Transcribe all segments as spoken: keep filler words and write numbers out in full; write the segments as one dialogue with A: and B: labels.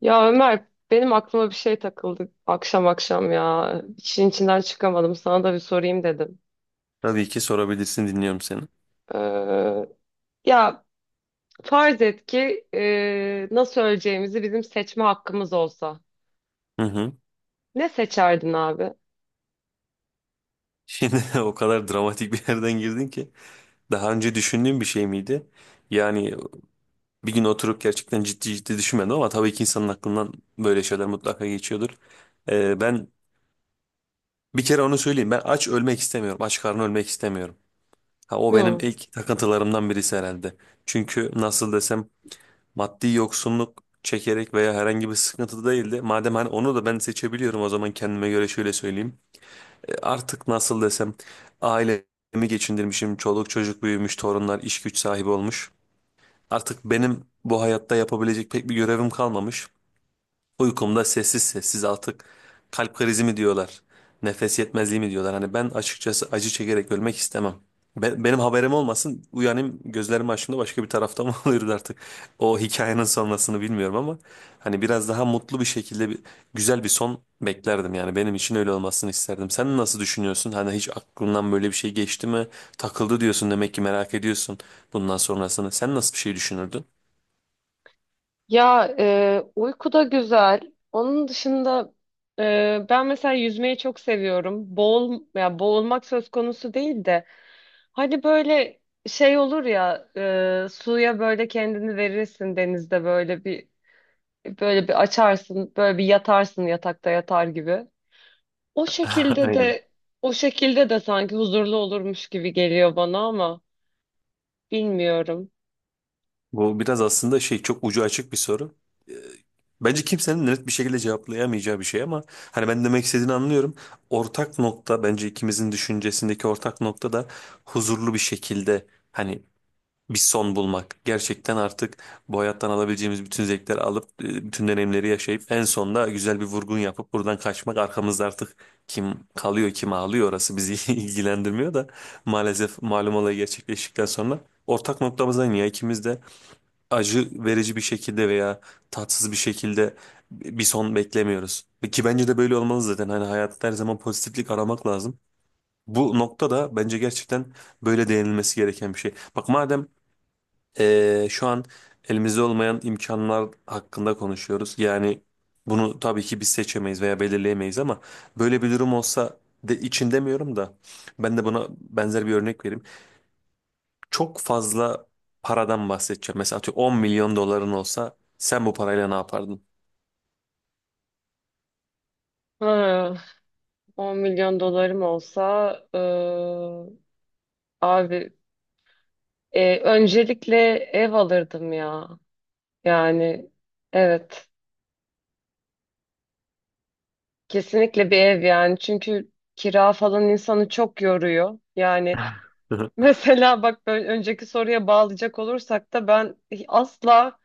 A: Ya Ömer benim aklıma bir şey takıldı akşam akşam ya. İşin içinden çıkamadım. Sana da bir sorayım dedim.
B: Tabii ki sorabilirsin, dinliyorum seni.
A: Ee, ya farz et ki e, nasıl öleceğimizi bizim seçme hakkımız olsa.
B: Hı hı.
A: Ne seçerdin abi?
B: Şimdi o kadar dramatik bir yerden girdin ki. Daha önce düşündüğün bir şey miydi? Yani bir gün oturup gerçekten ciddi ciddi düşünmedim ama tabii ki insanın aklından böyle şeyler mutlaka geçiyordur. Ee, ben bir kere onu söyleyeyim. Ben aç ölmek istemiyorum. Aç karnı ölmek istemiyorum. Ha, o benim
A: Hı.
B: ilk takıntılarımdan birisi herhalde. Çünkü nasıl desem maddi yoksunluk çekerek veya herhangi bir sıkıntı değildi. Madem hani onu da ben seçebiliyorum o zaman kendime göre şöyle söyleyeyim. artık nasıl desem ailemi geçindirmişim. Çoluk çocuk büyümüş, torunlar iş güç sahibi olmuş. Artık benim bu hayatta yapabilecek pek bir görevim kalmamış. Uykumda sessiz sessiz artık kalp krizi mi diyorlar, nefes yetmezliği mi diyorlar. Hani ben açıkçası acı çekerek ölmek istemem. Be- benim haberim olmasın, uyanayım gözlerimi açtığımda başka bir tarafta mı oluyordu artık. O hikayenin sonrasını bilmiyorum ama hani biraz daha mutlu bir şekilde bir, güzel bir son beklerdim. Yani benim için öyle olmasını isterdim. Sen nasıl düşünüyorsun? Hani hiç aklından böyle bir şey geçti mi? Takıldı diyorsun, demek ki merak ediyorsun bundan sonrasını. Sen nasıl bir şey düşünürdün?
A: Ya e, uyku da güzel. Onun dışında e, ben mesela yüzmeyi çok seviyorum. Boğul, ya boğulmak söz konusu değil de hani böyle şey olur ya, e, suya böyle kendini verirsin, denizde böyle bir böyle bir açarsın, böyle bir yatarsın, yatakta yatar gibi. O şekilde
B: Aynen.
A: de o şekilde de sanki huzurlu olurmuş gibi geliyor bana ama bilmiyorum.
B: Bu biraz aslında şey, çok ucu açık bir soru. Ee, Bence kimsenin net bir şekilde cevaplayamayacağı bir şey ama hani ben demek istediğini anlıyorum. Ortak nokta, bence ikimizin düşüncesindeki ortak nokta da huzurlu bir şekilde hani bir son bulmak. Gerçekten artık bu hayattan alabileceğimiz bütün zevkleri alıp e, bütün deneyimleri yaşayıp en sonunda güzel bir vurgun yapıp buradan kaçmak. Arkamızda artık kim kalıyor kim ağlıyor orası bizi ilgilendirmiyor da maalesef malum olay gerçekleştikten sonra ortak noktamızdan ya, ikimiz de acı verici bir şekilde veya tatsız bir şekilde bir son beklemiyoruz. Ki bence de böyle olmalı zaten. Hani hayatta her zaman pozitiflik aramak lazım. Bu nokta da bence gerçekten böyle değinilmesi gereken bir şey. Bak, madem eee, şu an elimizde olmayan imkanlar hakkında konuşuyoruz. Yani bunu tabii ki biz seçemeyiz veya belirleyemeyiz ama böyle bir durum olsa de için demiyorum da, ben de buna benzer bir örnek vereyim, çok fazla paradan bahsedeceğim. Mesela atıyorum, on milyon doların olsa sen bu parayla ne yapardın?
A: Ha, on milyon dolarım olsa, e, abi, e, öncelikle ev alırdım ya. Yani evet, kesinlikle bir ev, yani çünkü kira falan insanı çok yoruyor. Yani mesela bak, böyle önceki soruya bağlayacak olursak da ben asla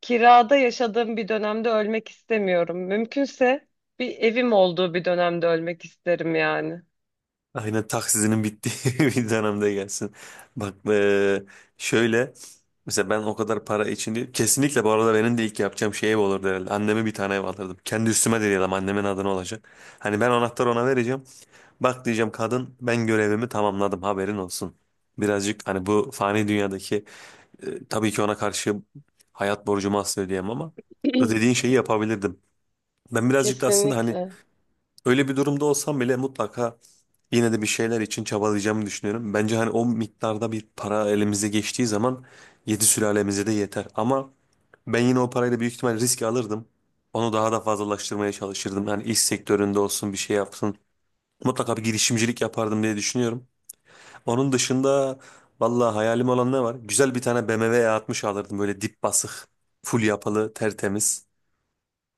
A: kirada yaşadığım bir dönemde ölmek istemiyorum. Mümkünse bir evim olduğu bir dönemde ölmek isterim yani.
B: Aynen, taksizinin bittiği bir dönemde gelsin. Bak eee, şöyle, mesela ben o kadar para için değil. Kesinlikle, bu arada benim de ilk yapacağım şey ev olurdu herhalde. Anneme bir tane ev alırdım. Kendi üstüme de diyelim, annemin adına olacak. Hani ben anahtarı ona vereceğim. Bak, diyeceğim, kadın ben görevimi tamamladım, haberin olsun. Birazcık hani bu fani dünyadaki E, tabii ki ona karşı hayat borcumu asla ödeyemem ama dediğin şeyi yapabilirdim. Ben birazcık da aslında hani
A: Kesinlikle.
B: öyle bir durumda olsam bile mutlaka yine de bir şeyler için çabalayacağımı düşünüyorum. Bence hani o miktarda bir para elimize geçtiği zaman yedi sülalemize de yeter. Ama ben yine o parayla büyük ihtimal risk alırdım. Onu daha da fazlalaştırmaya çalışırdım. Yani iş sektöründe olsun, bir şey yapsın. Mutlaka bir girişimcilik yapardım diye düşünüyorum. Onun dışında, vallahi hayalim olan ne var? Güzel bir tane B M W E altmış alırdım, böyle dip basık, full yapılı, tertemiz.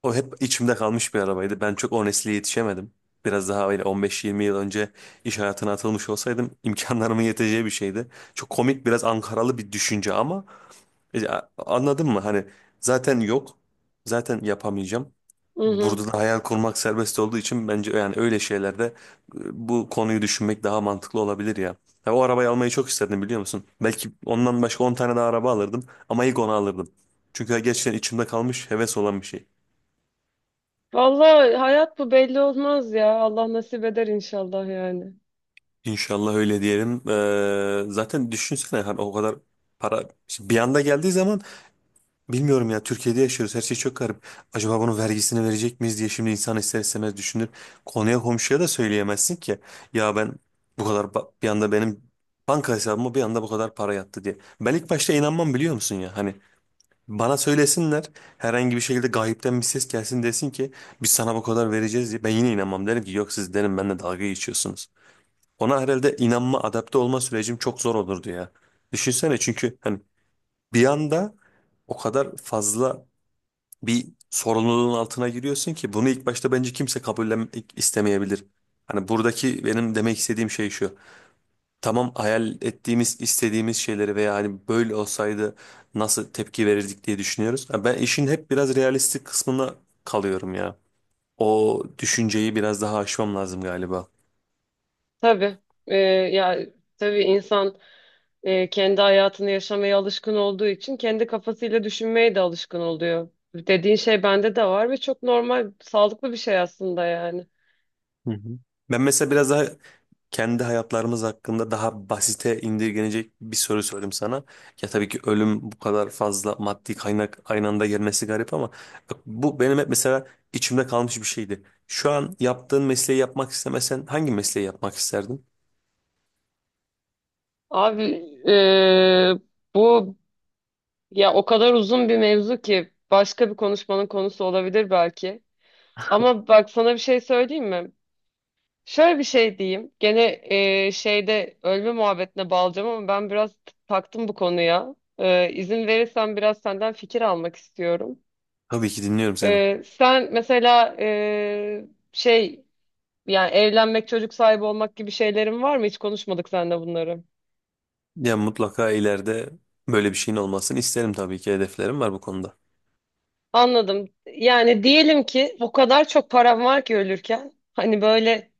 B: O hep içimde kalmış bir arabaydı. Ben çok o nesle yetişemedim. Biraz daha öyle on beş yirmi yıl önce iş hayatına atılmış olsaydım imkanlarımın yeteceği bir şeydi. Çok komik, biraz Ankaralı bir düşünce ama e, a- anladın mı? Hani zaten yok, zaten yapamayacağım.
A: Hı hı.
B: Burada da hayal kurmak serbest olduğu için bence yani öyle şeylerde e, bu konuyu düşünmek daha mantıklı olabilir ya. Ya, o arabayı almayı çok isterdim, biliyor musun? Belki ondan başka on tane daha araba alırdım ama ilk onu alırdım. Çünkü gerçekten içimde kalmış heves olan bir şey.
A: Vallahi hayat bu, belli olmaz ya. Allah nasip eder inşallah yani.
B: İnşallah öyle diyelim. Ee, zaten düşünsene, hani o kadar para şimdi bir anda geldiği zaman, bilmiyorum ya, Türkiye'de yaşıyoruz, her şey çok garip. Acaba bunun vergisini verecek miyiz diye şimdi insan ister istemez düşünür. Konuya komşuya da söyleyemezsin ki. Ya ben bu kadar ba- bir anda benim banka hesabıma bir anda bu kadar para yattı diye. Ben ilk başta inanmam, biliyor musun ya? Hani bana söylesinler, herhangi bir şekilde gayipten bir ses gelsin, desin ki biz sana bu kadar vereceğiz diye. Ben yine inanmam, derim ki yok, siz derim benimle dalga geçiyorsunuz. Ona herhalde inanma, adapte olma sürecim çok zor olurdu ya. Düşünsene, çünkü hani bir anda o kadar fazla bir sorumluluğun altına giriyorsun ki bunu ilk başta bence kimse kabullen istemeyebilir. Hani buradaki benim demek istediğim şey şu. Tamam, hayal ettiğimiz, istediğimiz şeyleri veya hani böyle olsaydı nasıl tepki verirdik diye düşünüyoruz. Ha, ben işin hep biraz realistik kısmına kalıyorum ya. O düşünceyi biraz daha aşmam lazım galiba.
A: Tabii. Ee, ya tabii insan e, kendi hayatını yaşamaya alışkın olduğu için kendi kafasıyla düşünmeye de alışkın oluyor. Dediğin şey bende de var ve çok normal, sağlıklı bir şey aslında yani.
B: Hı hı. Ben mesela biraz daha kendi hayatlarımız hakkında daha basite indirgenecek bir soru sorayım sana. Ya tabii ki ölüm, bu kadar fazla maddi kaynak aynı anda gelmesi garip ama bak, bu benim hep mesela içimde kalmış bir şeydi. Şu an yaptığın mesleği yapmak istemesen hangi mesleği yapmak isterdin?
A: Abi, e, bu, ya o kadar uzun bir mevzu ki başka bir konuşmanın konusu olabilir belki. Ama bak, sana bir şey söyleyeyim mi? Şöyle bir şey diyeyim. Gene e, şeyde, ölme muhabbetine bağlayacağım ama ben biraz t- taktım bu konuya. E, izin verirsen biraz senden fikir almak istiyorum.
B: Tabii ki dinliyorum seni.
A: E, sen mesela, e, şey, yani evlenmek, çocuk sahibi olmak gibi şeylerin var mı? Hiç konuşmadık seninle bunları.
B: Ya mutlaka ileride böyle bir şeyin olmasını isterim tabii ki. Hedeflerim var bu konuda.
A: Anladım. Yani diyelim ki o kadar çok param var ki ölürken hani böyle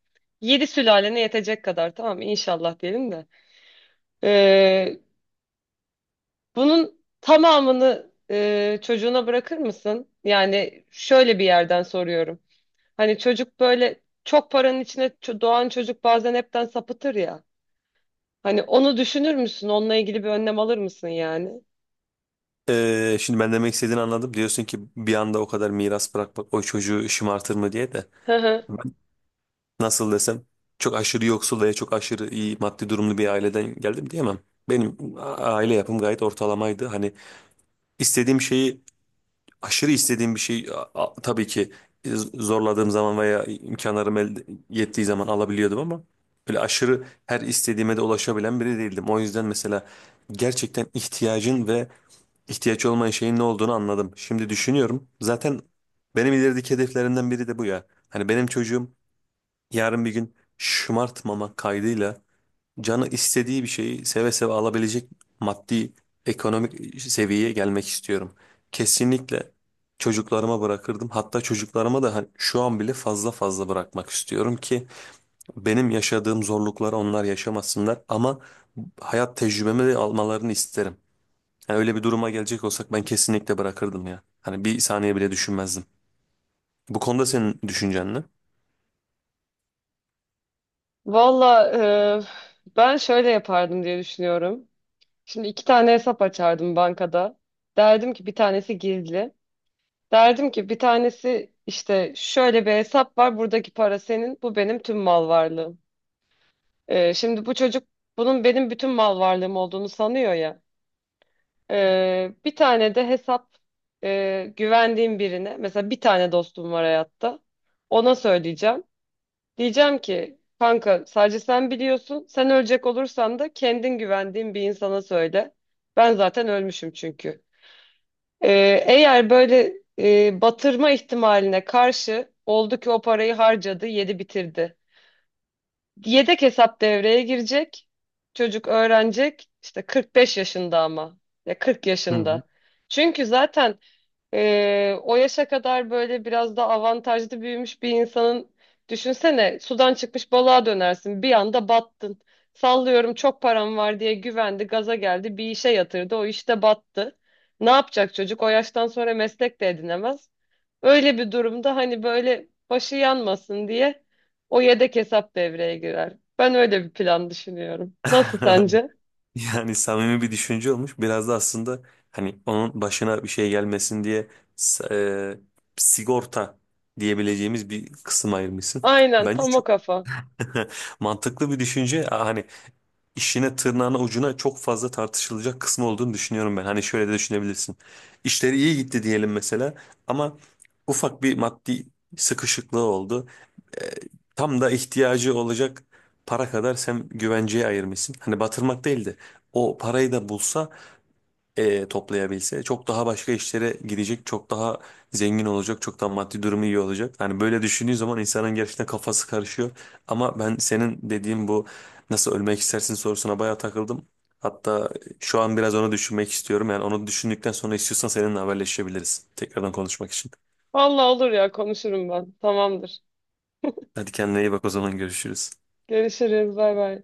A: yedi sülalene yetecek kadar, tamam mı? İnşallah diyelim de. Bunun tamamını e, çocuğuna bırakır mısın? Yani şöyle bir yerden soruyorum. Hani çocuk böyle, çok paranın içine ço- doğan çocuk bazen hepten sapıtır ya. Hani onu düşünür müsün? Onunla ilgili bir önlem alır mısın yani?
B: Ee, şimdi ben demek istediğini anladım. Diyorsun ki bir anda o kadar miras bırakmak o çocuğu şımartır mı diye de,
A: Hı hı.
B: ben nasıl desem çok aşırı yoksul veya çok aşırı iyi maddi durumlu bir aileden geldim diyemem. Benim a- aile yapım gayet ortalamaydı. Hani istediğim şeyi, aşırı istediğim bir şey, a- a- tabii ki e, zorladığım zaman veya imkanlarım el yettiği zaman alabiliyordum ama böyle aşırı her istediğime de ulaşabilen biri değildim. O yüzden mesela gerçekten ihtiyacın ve ihtiyaç olmayan şeyin ne olduğunu anladım. Şimdi düşünüyorum. Zaten benim ilerideki hedeflerimden biri de bu ya. Hani benim çocuğum yarın bir gün, şımartmama kaydıyla, canı istediği bir şeyi seve seve alabilecek maddi ekonomik seviyeye gelmek istiyorum. Kesinlikle çocuklarıma bırakırdım. Hatta çocuklarıma da hani şu an bile fazla fazla bırakmak istiyorum ki benim yaşadığım zorlukları onlar yaşamasınlar ama hayat tecrübemi de almalarını isterim. Yani öyle bir duruma gelecek olsak ben kesinlikle bırakırdım ya. Hani bir saniye bile düşünmezdim. Bu konuda senin düşüncen ne?
A: Valla, e, ben şöyle yapardım diye düşünüyorum. Şimdi iki tane hesap açardım bankada. Derdim ki bir tanesi gizli. Derdim ki bir tanesi işte şöyle bir hesap var. Buradaki para senin, bu benim tüm mal varlığım. Ee, şimdi bu çocuk bunun benim bütün mal varlığım olduğunu sanıyor ya. Ee, bir tane de hesap, e, güvendiğim birine, mesela bir tane dostum var hayatta. Ona söyleyeceğim. Diyeceğim ki kanka, sadece sen biliyorsun. Sen ölecek olursan da kendin güvendiğin bir insana söyle. Ben zaten ölmüşüm çünkü. Ee, eğer böyle e, batırma ihtimaline karşı oldu ki, o parayı harcadı, yedi bitirdi. Yedek hesap devreye girecek. Çocuk öğrenecek. İşte kırk beş yaşında ama. Ya kırk
B: Hı
A: yaşında. Çünkü zaten ee, o yaşa kadar böyle biraz da avantajlı büyümüş bir insanın, düşünsene, sudan çıkmış balığa dönersin, bir anda battın. Sallıyorum çok param var diye güvendi, gaza geldi, bir işe yatırdı, o işte battı. Ne yapacak çocuk? O yaştan sonra meslek de edinemez. Öyle bir durumda hani böyle başı yanmasın diye o yedek hesap devreye girer. Ben öyle bir plan düşünüyorum. Nasıl,
B: hı.
A: sence?
B: Yani samimi bir düşünce olmuş. Biraz da aslında hani onun başına bir şey gelmesin diye s- e, sigorta diyebileceğimiz bir kısım ayırmışsın.
A: Aynen,
B: Bence
A: tam o
B: çok
A: kafa.
B: mantıklı bir düşünce. Aa, hani işine tırnağına ucuna çok fazla tartışılacak kısmı olduğunu düşünüyorum ben. Hani şöyle de düşünebilirsin. İşleri iyi gitti diyelim mesela ama ufak bir maddi sıkışıklığı oldu. E, Tam da ihtiyacı olacak para kadar sen güvenceye ayırmışsın. Hani batırmak değildi. o parayı da bulsa e, toplayabilse çok daha başka işlere gidecek, çok daha zengin olacak, çok daha maddi durumu iyi olacak. Hani böyle düşündüğü zaman insanın gerçekten kafası karışıyor. Ama ben senin dediğin bu nasıl ölmek istersin sorusuna bayağı takıldım. Hatta şu an biraz onu düşünmek istiyorum. Yani onu düşündükten sonra istiyorsan seninle haberleşebiliriz. Tekrardan konuşmak için.
A: Vallahi olur ya, konuşurum ben. Tamamdır.
B: Hadi kendine iyi bak, o zaman görüşürüz.
A: Görüşürüz. Bay bay.